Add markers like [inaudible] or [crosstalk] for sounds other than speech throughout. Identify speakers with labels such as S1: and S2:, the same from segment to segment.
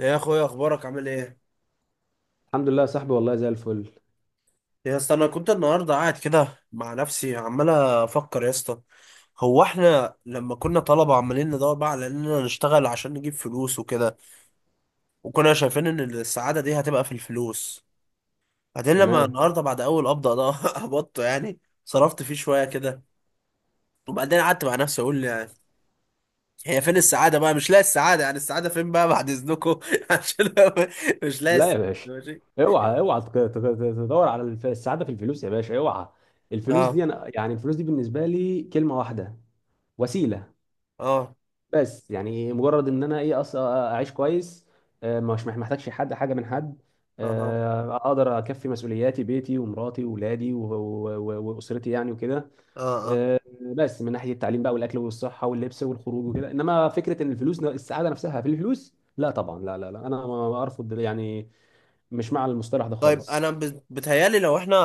S1: يا اخويا، اخبارك عامل ايه؟
S2: الحمد لله يا صاحبي، والله زي الفل.
S1: يا اسطى، انا كنت النهارده قاعد كده مع نفسي عمال افكر يا اسطى. هو احنا لما كنا طلبه عمالين ندور بقى على اننا نشتغل عشان نجيب فلوس وكده، وكنا شايفين ان السعاده دي هتبقى في الفلوس. بعدين لما
S2: تمام.
S1: النهارده بعد اول قبضه ده [laughs] قبضته يعني، صرفت فيه شويه كده. وبعدين قعدت مع نفسي اقول، يعني هي فين السعاده بقى؟ مش لاقي السعاده، يعني السعاده فين بقى بعد اذنكم؟ [laughs] عشان مش لاقي
S2: لا
S1: الس-
S2: يا باشا،
S1: ماشي.
S2: اوعى تدور على السعاده في الفلوس يا باشا، اوعى. الفلوس
S1: اه،
S2: دي انا يعني الفلوس دي بالنسبه لي كلمه واحده: وسيله.
S1: اه،
S2: بس يعني مجرد ان انا اعيش كويس، مش محتاجش حد حاجه من حد.
S1: اه، اه،
S2: اقدر اكفي مسؤولياتي، بيتي ومراتي واولادي و واسرتي يعني وكده.
S1: اه، آه.
S2: آه، بس من ناحيه التعليم بقى والاكل والصحه واللبس والخروج وكده، انما فكره ان الفلوس السعاده نفسها في الفلوس، لا طبعا لا لا لا، انا ما ارفض يعني، مش مع المصطلح ده
S1: طيب، انا
S2: خالص.
S1: بتهيالي لو احنا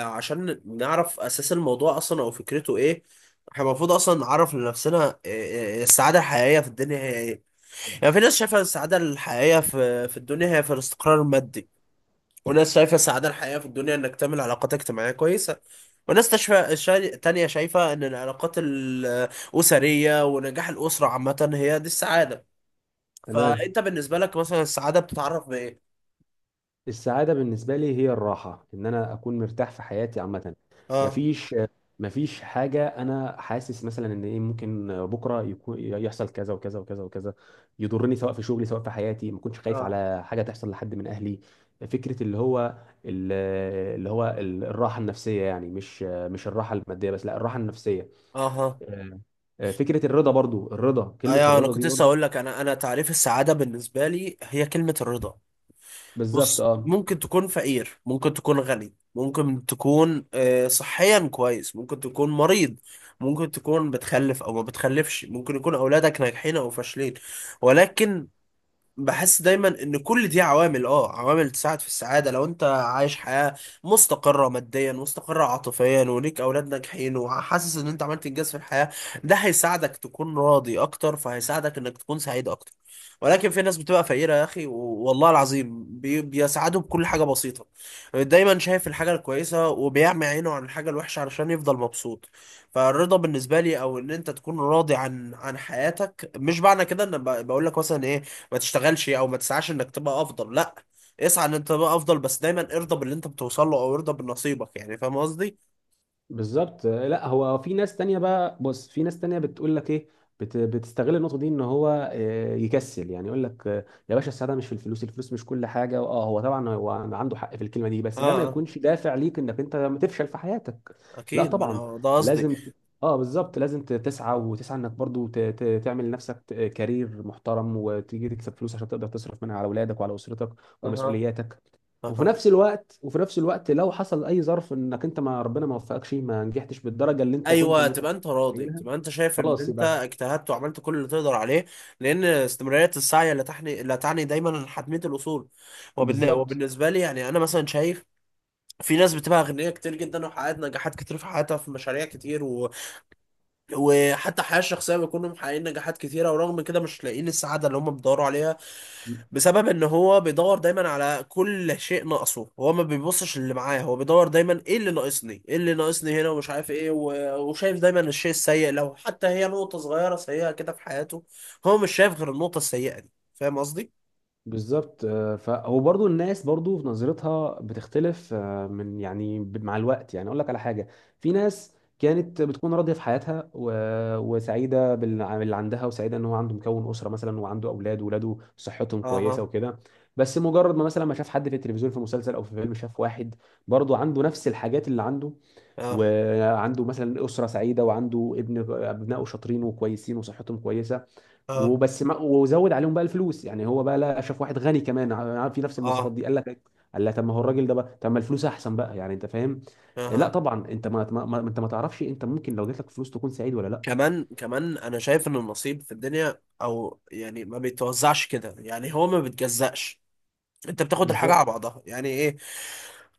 S1: عشان نعرف اساس الموضوع اصلا او فكرته ايه. احنا المفروض اصلا نعرف لنفسنا السعاده الحقيقيه في الدنيا هي ايه؟ يعني في ناس شايفه السعاده الحقيقيه في الدنيا هي في الاستقرار المادي، وناس شايفه السعاده الحقيقيه في الدنيا انك تعمل علاقات اجتماعيه كويسه، وناس تانية شايفه ان العلاقات الاسريه ونجاح الاسره عامه هي دي السعاده.
S2: تمام.
S1: فانت بالنسبه لك مثلا السعاده بتتعرف بايه؟
S2: السعادة بالنسبة لي هي الراحة، إن أنا أكون مرتاح في حياتي عامة.
S1: اه،
S2: مفيش مفيش حاجة أنا حاسس مثلا إن إيه ممكن بكرة يكون يحصل كذا وكذا وكذا وكذا يضرني، سواء في شغلي سواء في حياتي، ما كنتش خايف
S1: اه،
S2: على حاجة تحصل لحد من أهلي. فكرة اللي هو ال- الراحة النفسية، يعني مش الراحة المادية بس، لا الراحة النفسية.
S1: اها،
S2: آه، فكرة الرضا، برضو الرضا، كلمة
S1: ايوه، انا
S2: الرضا دي
S1: كنت لسه
S2: برضو.
S1: اقول لك، انا تعريف السعاده بالنسبه لي هي كلمه الرضا.
S2: بالظبط
S1: بص،
S2: اه.
S1: ممكن تكون فقير، ممكن تكون غني، ممكن تكون صحيا كويس، ممكن تكون مريض، ممكن تكون بتخلف او ما بتخلفش، ممكن يكون اولادك ناجحين او فاشلين، ولكن بحس دايما ان كل دي عوامل تساعد في السعاده، لو انت عايش حياه مستقره ماديا، مستقره عاطفيا، وليك اولاد ناجحين، وحاسس ان انت عملت انجاز في الحياه، ده هيساعدك تكون راضي اكتر، فهيساعدك انك تكون سعيد اكتر. ولكن في ناس بتبقى فقيره يا اخي والله العظيم بيسعدوا بكل حاجه بسيطه. دايما شايف الحاجه الكويسه وبيعمي عينه عن الحاجه الوحشه علشان يفضل مبسوط. فالرضا بالنسبه لي، او ان انت تكون راضي عن حياتك، مش معنى كده ان بقول لك مثلا ايه، ما تشتغلش او ما تسعاش انك تبقى افضل، لا. اسعى ان انت تبقى افضل، بس دايما ارضى باللي انت بتوصل له او ارضى بنصيبك، يعني فاهم قصدي؟
S2: بالظبط، لا هو في ناس تانية بقى، بص في ناس تانية بتقول لك ايه، بتستغل النقطة دي ان هو يكسل، يعني يقول لك يا باشا السعادة مش في الفلوس، الفلوس مش كل حاجة. اه هو طبعا هو عنده حق في الكلمة دي،
S1: اه،
S2: بس ده ما
S1: اه،
S2: يكونش دافع ليك انك انت ما تفشل في حياتك. لا
S1: اكيد، ما
S2: طبعا،
S1: انا ده قصدي.
S2: لازم ت- اه بالظبط، لازم تسعى وتسعى انك برضو تعمل لنفسك كارير محترم، وتيجي تكسب فلوس عشان تقدر تصرف منها على اولادك وعلى اسرتك
S1: اها،
S2: ومسؤولياتك. وفي
S1: اها،
S2: نفس الوقت، لو حصل اي ظرف انك انت ما، ربنا ما وفقكش، ما نجحتش بالدرجه اللي انت كنت
S1: ايوه، تبقى انت راضي،
S2: متخيلها،
S1: تبقى انت شايف ان
S2: خلاص
S1: انت
S2: يبقى
S1: اجتهدت وعملت كل اللي تقدر عليه. لان استمراريه السعي لا تعني دايما حتميه الاصول.
S2: بالظبط.
S1: وبالنسبه لي، يعني انا مثلا شايف في ناس بتبقى اغنياء كتير جدا، وحققت نجاحات كتير في حياتها في مشاريع كتير، وحتى الحياة الشخصية بيكونوا محققين نجاحات كتيرة، ورغم كده مش لاقيين السعادة اللي هم بيدوروا عليها، بسبب ان هو بيدور دايما على كل شيء ناقصه، هو ما بيبصش اللي معاه، هو بيدور دايما، ايه اللي ناقصني، ايه اللي ناقصني هنا، ومش عارف ايه وشايف دايما الشيء السيء، لو حتى هي نقطة صغيرة سيئة كده في حياته، هو مش شايف غير النقطة السيئة دي، فاهم قصدي؟
S2: ف وبرضه الناس برضه في نظرتها بتختلف، من يعني مع الوقت. يعني اقول لك على حاجه: في ناس كانت بتكون راضيه في حياتها وسعيده باللي عندها، وسعيده ان هو عنده مكون اسره مثلا وعنده اولاد، واولاده صحتهم كويسه
S1: اها،
S2: وكده، بس مجرد ما مثلا ما شاف حد في التلفزيون في مسلسل او في فيلم شاف واحد برضه عنده نفس الحاجات اللي عنده،
S1: اه،
S2: وعنده مثلا اسره سعيده وعنده ابن ابنائه شاطرين وكويسين وصحتهم كويسه،
S1: اه،
S2: وبس ما وزود عليهم بقى الفلوس يعني، هو بقى لا شاف واحد غني كمان في نفس المواصفات
S1: اه،
S2: دي قال لك، طب ما هو الراجل ده بقى، طب ما الفلوس احسن بقى يعني، انت فاهم. لا
S1: اه،
S2: طبعا، انت انت ما تعرفش، انت ممكن لو جات لك فلوس تكون سعيد ولا لا.
S1: كمان كمان انا شايف ان النصيب في الدنيا، او يعني، ما بيتوزعش كده، يعني هو ما بيتجزأش. انت بتاخد الحاجه
S2: بالظبط
S1: على بعضها، يعني ايه.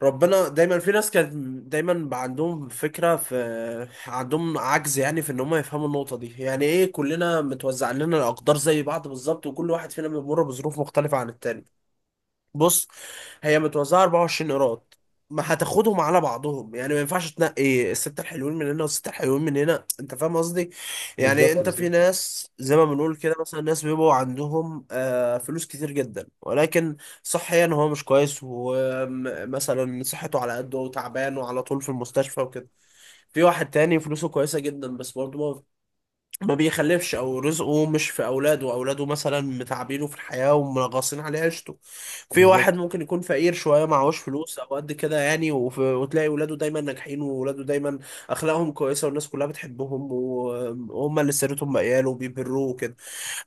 S1: ربنا، دايما في ناس كانت، دايما بقى عندهم فكره في عندهم عجز، يعني في ان هم يفهموا النقطه دي، يعني ايه، كلنا متوزع لنا الاقدار زي بعض بالظبط، وكل واحد فينا بيمر بظروف مختلفه عن التاني. بص، هي متوزعه 24 ايراد، ما هتاخدهم على بعضهم، يعني ما ينفعش تنقي الستة الحلوين من هنا والستة الحلوين من هنا، انت فاهم قصدي؟ يعني
S2: بالظبط
S1: انت، في
S2: بالظبط
S1: ناس زي ما بنقول كده، مثلا ناس بيبقوا عندهم فلوس كتير جدا، ولكن صحيا هو مش كويس، ومثلا صحته على قده وتعبان وعلى طول في المستشفى وكده. في واحد تاني فلوسه كويسة جدا، بس برضه ما بيخلفش، او رزقه مش في اولاده، اولاده مثلا متعبينه في الحياه ومنغصين عليه عيشته. في واحد
S2: بالظبط
S1: ممكن يكون فقير شويه، معهوش فلوس او قد كده يعني، وتلاقي ولاده دايما ناجحين، وولاده دايما اخلاقهم كويسه والناس كلها بتحبهم، وهم اللي سيرتهم بقياله وبيبروه وكده.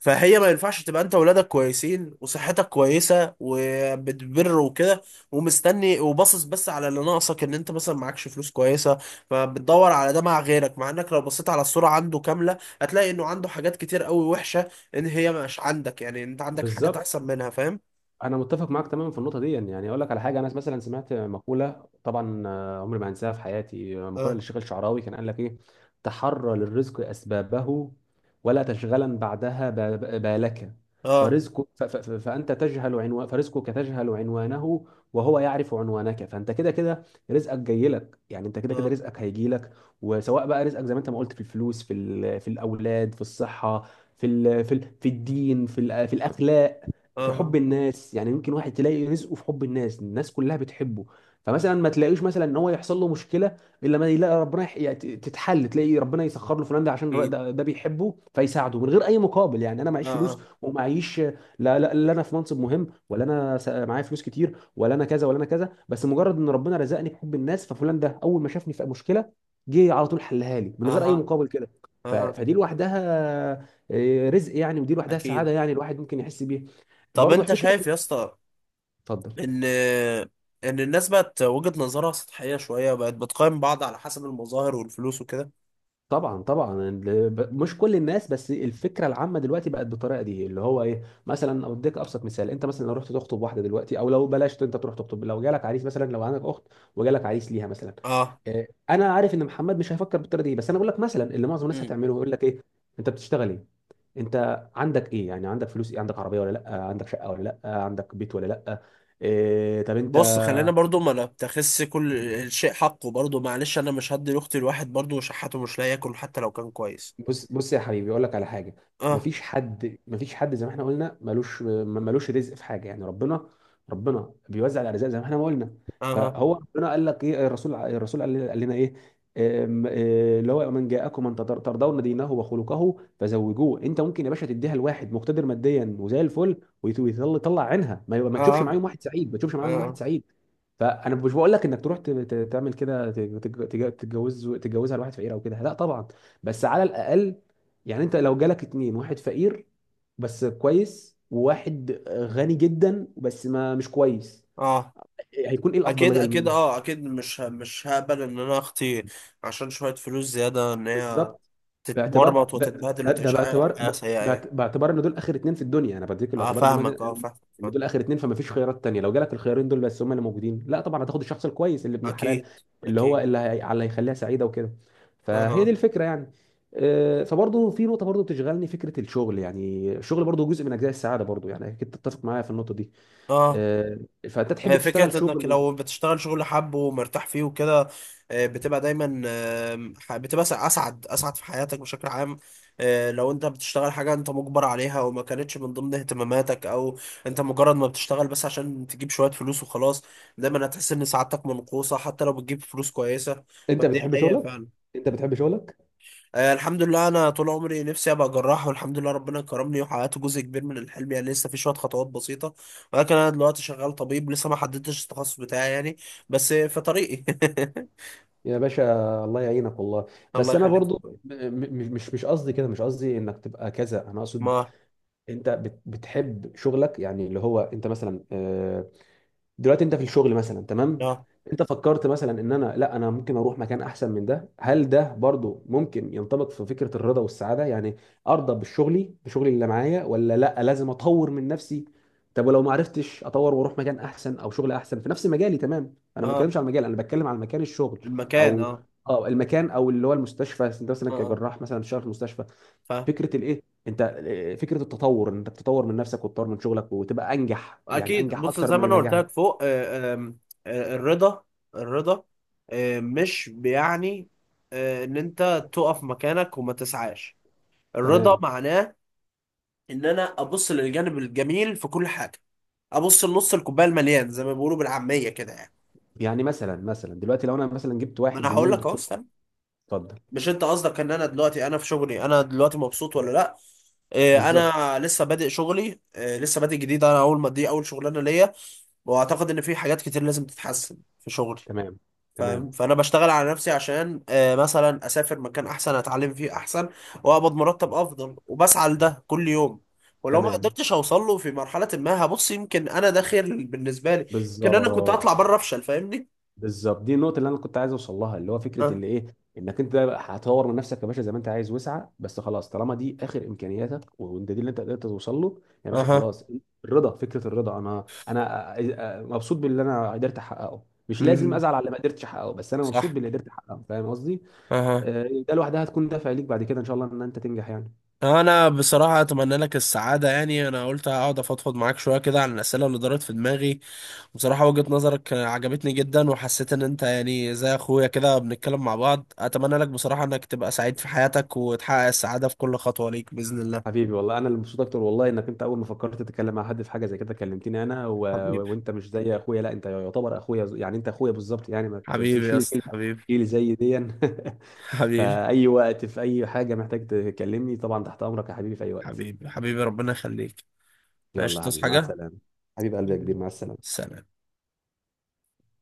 S1: فهي ما ينفعش تبقى انت ولادك كويسين وصحتك كويسه وبتبر وكده، ومستني وباصص بس على اللي ناقصك، ان انت مثلا معكش فلوس كويسه. فبتدور على ده مع غيرك، مع انك لو بصيت على الصوره عنده كامله، هتلاقي انه عنده حاجات كتير قوي وحشه، ان هي مش عندك، يعني انت عندك حاجات
S2: بالظبط،
S1: احسن منها، فاهم؟
S2: انا متفق معاك تماما في النقطه دي. يعني اقول لك على حاجه: انا مثلا سمعت مقوله طبعا، عمري ما هنساها في حياتي، مقوله
S1: اه،
S2: للشيخ الشعراوي، كان قال لك ايه: تحرى للرزق اسبابه، ولا تشغلا بعدها بالك.
S1: اه،
S2: فرزقك، فانت تجهل عنوان، فرزقك تجهل عنوانه وهو يعرف عنوانك، فانت كده كده رزقك جاي لك يعني، انت كده كده
S1: اه،
S2: رزقك هيجي لك. وسواء بقى رزقك زي ما انت ما قلت في الفلوس، في في الاولاد، في الصحه، في الدين، في الاخلاق، في حب
S1: اه،
S2: الناس. يعني يمكن واحد تلاقي رزقه في حب الناس، الناس كلها بتحبه، فمثلا ما تلاقيش مثلا ان هو يحصل له مشكله الا ما يلاقي ربنا يعني تتحل، تلاقي ربنا يسخر له فلان ده عشان
S1: اكيد،
S2: ده بيحبه فيساعده من غير اي مقابل. يعني انا
S1: اه،
S2: معيش فلوس
S1: اه،
S2: ومعيش لا، لا انا في منصب مهم، ولا انا معايا فلوس كتير، ولا انا كذا ولا انا كذا، بس مجرد ان ربنا رزقني بحب الناس ففلان ده اول ما شافني في مشكله جه على طول حلها لي من غير اي
S1: اه،
S2: مقابل كده.
S1: اه،
S2: فدي لوحدها رزق يعني، ودي لوحدها
S1: اكيد.
S2: سعاده يعني، الواحد ممكن يحس بيها.
S1: طب
S2: برضه
S1: انت
S2: فكره.
S1: شايف يا اسطى،
S2: اتفضل.
S1: ان ان الناس بقت وجهة نظرها سطحية شوية، بقت بتقيم بعض على حسب المظاهر والفلوس وكده؟
S2: طبعا طبعا، مش كل الناس، بس الفكره العامه دلوقتي بقت بالطريقه دي اللي هو ايه. مثلا اديك ابسط مثال: انت مثلا لو رحت تخطب واحده دلوقتي، او لو بلاش، انت تروح تخطب لو جالك عريس مثلا، لو عندك اخت وجالك عريس ليها مثلا،
S1: اه.
S2: انا عارف ان محمد مش هيفكر بالطريقه دي، بس انا بقول لك مثلا اللي معظم الناس
S1: امم
S2: هتعمله يقول لك ايه: انت بتشتغل ايه، انت عندك ايه يعني، عندك فلوس ايه، عندك عربيه ولا لا، عندك شقه ولا لا، عندك بيت ولا لا، إيه طب انت.
S1: بص، خلينا برضو ما نبتخس كل الشيء حقه، برضو معلش، انا مش هدي لاختي الواحد برضو شحاته مش لاقي ياكل، حتى لو كان كويس.
S2: بص بص يا حبيبي اقول لك على حاجه:
S1: اه،
S2: مفيش حد، زي ما احنا قلنا، ملوش ملوش رزق في حاجه، يعني ربنا بيوزع الارزاق زي ما احنا ما قلنا.
S1: اه،
S2: فهو ربنا قال لك ايه، الرسول، قال لنا ايه: أم- اللي هو من جاءكم من ترضون دينه وخلقه فزوجوه. انت ممكن يا باشا تديها لواحد مقتدر ماديا وزي الفل ويطلع، عينها، ما
S1: اه،
S2: تشوفش
S1: اه،
S2: معاهم واحد سعيد، ما تشوفش
S1: اه،
S2: معاهم واحد
S1: آه،
S2: سعيد فانا مش بقول لك انك تروح تعمل كده، تتجوزها لواحد فقير او كده، لا طبعا. بس على الاقل يعني انت لو جالك اتنين، واحد فقير بس كويس وواحد غني جدا بس ما مش كويس،
S1: آه.
S2: هيكون ايه
S1: اكيد،
S2: الافضليه
S1: اكيد،
S2: لمين؟
S1: اه، اكيد، مش هقبل ان انا اختي، عشان شوية فلوس زيادة، ان هي
S2: بالظبط. باعتبار
S1: تتمرمط
S2: ده,
S1: وتتبهدل
S2: ده, ده
S1: وتعيش حياة حياة سيئة يعني.
S2: باعتبار ان دول اخر اتنين في الدنيا، انا بديك
S1: اه،
S2: باعتبار ان
S1: فاهمك، اه، فاهمك،
S2: ان
S1: فاهمك.
S2: دول اخر اتنين، فما فيش خيارات تانية، لو جالك الخيارين دول بس هم اللي موجودين، لا طبعا هتاخد الشخص الكويس اللي ابن الحلال
S1: اكيد،
S2: اللي هو
S1: اكيد،
S2: على اللي يخليها سعيده وكده. فهي دي
S1: اه،
S2: الفكره يعني. فبرضه في نقطه برضه بتشغلني: فكره الشغل، يعني الشغل برضه جزء من اجزاء السعاده برضه، يعني اكيد تتفق معايا في النقطه دي.
S1: اه.
S2: آه، فانت تحب
S1: هي
S2: تشتغل
S1: فكرة، انك
S2: شغل،
S1: لو بتشتغل شغل حب ومرتاح فيه وكده، بتبقى دايما بتبقى اسعد في حياتك بشكل عام. لو انت بتشتغل حاجة انت مجبر عليها وما كانتش من ضمن اهتماماتك، او انت مجرد ما بتشتغل بس عشان تجيب شوية فلوس وخلاص، دايما هتحس ان سعادتك منقوصة، حتى لو بتجيب فلوس كويسة.
S2: انت
S1: فدي
S2: بتحب
S1: حقيقة
S2: شغلك؟
S1: فعلا.
S2: انت بتحب شغلك
S1: الحمد لله، انا طول عمري نفسي ابقى جراح، والحمد لله ربنا كرمني وحققت جزء كبير من الحلم، يعني لسه في شويه خطوات بسيطه، ولكن انا دلوقتي شغال طبيب، لسه ما حددتش التخصص بتاعي يعني، بس في طريقي.
S2: يا باشا الله يعينك والله.
S1: [laughs] الله
S2: بس انا
S1: يخليك.
S2: برضو مش قصدي كده، مش قصدي انك تبقى كذا، انا اقصد
S1: ما،
S2: انت بتحب شغلك يعني اللي هو انت مثلا، دلوقتي انت في الشغل مثلا تمام،
S1: اه،
S2: انت فكرت مثلا ان انا لا انا ممكن اروح مكان احسن من ده؟ هل ده برضو ممكن ينطبق في فكرة الرضا والسعادة، يعني ارضى بشغلي، بشغلي اللي معايا، ولا لا لازم اطور من نفسي؟ طب ولو ما عرفتش اطور واروح مكان احسن او شغل احسن في نفس مجالي، تمام انا ما
S1: اه،
S2: بتكلمش عن المجال انا بتكلم عن مكان الشغل،
S1: المكان،
S2: او
S1: اه،
S2: اه المكان، او اللي هو المستشفى. انت
S1: اه،
S2: مثلا
S1: آه،
S2: كجراح مثلا شغال في المستشفى،
S1: فاهم،
S2: فكره الايه انت، فكره التطور، انك تطور من نفسك وتطور من شغلك وتبقى انجح يعني،
S1: اكيد.
S2: انجح
S1: بص
S2: اكتر
S1: زي
S2: من
S1: ما انا قلت
S2: النجاح.
S1: لك فوق، آه، آم، الرضا، الرضا مش بيعني ان انت تقف مكانك وما تسعاش. الرضا
S2: تمام.
S1: معناه ان انا ابص للجانب الجميل في كل حاجه، ابص لنص الكوبايه المليان زي ما بيقولوا بالعاميه كده يعني.
S2: يعني مثلا دلوقتي لو انا مثلا جبت
S1: ما
S2: واحد
S1: انا هقول
S2: زميل
S1: لك اهو،
S2: دكتور،
S1: استنى.
S2: اتفضل،
S1: مش انت قصدك ان انا دلوقتي انا في شغلي، انا دلوقتي مبسوط ولا لا؟ إيه،
S2: بالظبط،
S1: انا لسه بادئ شغلي. إيه، لسه بادئ جديد، انا اول ما دي اول شغلانه ليا، واعتقد ان في حاجات كتير لازم تتحسن في شغلي.
S2: تمام تمام
S1: فاهم، فانا بشتغل على نفسي عشان مثلا اسافر مكان احسن، اتعلم فيه احسن، واقبض مرتب افضل، وبسعى لده كل يوم. ولو ما
S2: تمام
S1: قدرتش اوصل له في مرحله، ما هبص، يمكن انا ده خير بالنسبه لي، يمكن انا كنت
S2: بالظبط،
S1: هطلع بره افشل، فاهمني.
S2: دي النقطه اللي انا كنت عايز اوصل لها اللي هو فكره
S1: اه،
S2: اللي ايه: انك انت هتطور من نفسك يا باشا زي ما انت عايز وسعه، بس خلاص طالما دي اخر امكانياتك وانت دي اللي انت قدرت توصل له يا باشا،
S1: اها،
S2: خلاص. الرضا، فكره الرضا، انا مبسوط باللي انا قدرت احققه، مش لازم
S1: مهم.
S2: ازعل على اللي ما قدرتش احققه، بس انا مبسوط
S1: صح،
S2: باللي قدرت احققه، فاهم قصدي.
S1: اها.
S2: ده لوحدها هتكون دافع ليك بعد كده ان شاء الله ان انت تنجح يعني.
S1: انا بصراحه اتمنى لك السعاده، يعني انا قلت اقعد افضفض معاك شويه كده عن الاسئله اللي دارت في دماغي، بصراحه وجهه نظرك عجبتني جدا، وحسيت ان انت يعني زي اخويا كده بنتكلم مع بعض. اتمنى لك بصراحه انك تبقى سعيد في حياتك، وتحقق السعاده في كل خطوه ليك باذن الله.
S2: حبيبي والله، انا اللي مبسوط اكتر والله، انك انت اول ما فكرت تتكلم مع حد في حاجه زي كده كلمتني انا
S1: حبيبي،
S2: وانت مش زي اخويا، لا انت يعتبر اخويا، يعني انت اخويا بالظبط يعني، ما
S1: حبيبي يا
S2: تشيل
S1: اسطى،
S2: كلمه
S1: حبيبي،
S2: شيل زي دي. [laughs]
S1: حبيبي،
S2: فاي وقت في اي حاجه محتاج تكلمني طبعا تحت امرك يا حبيبي في اي وقت.
S1: حبيبي، حبيبي، ربنا يخليك.
S2: يلا
S1: ماشي،
S2: يا
S1: تصحى
S2: حبيبي مع
S1: حاجه،
S2: السلامه. حبيب قلبي يا كبير،
S1: حبيبي.
S2: مع السلامه.
S1: سلام.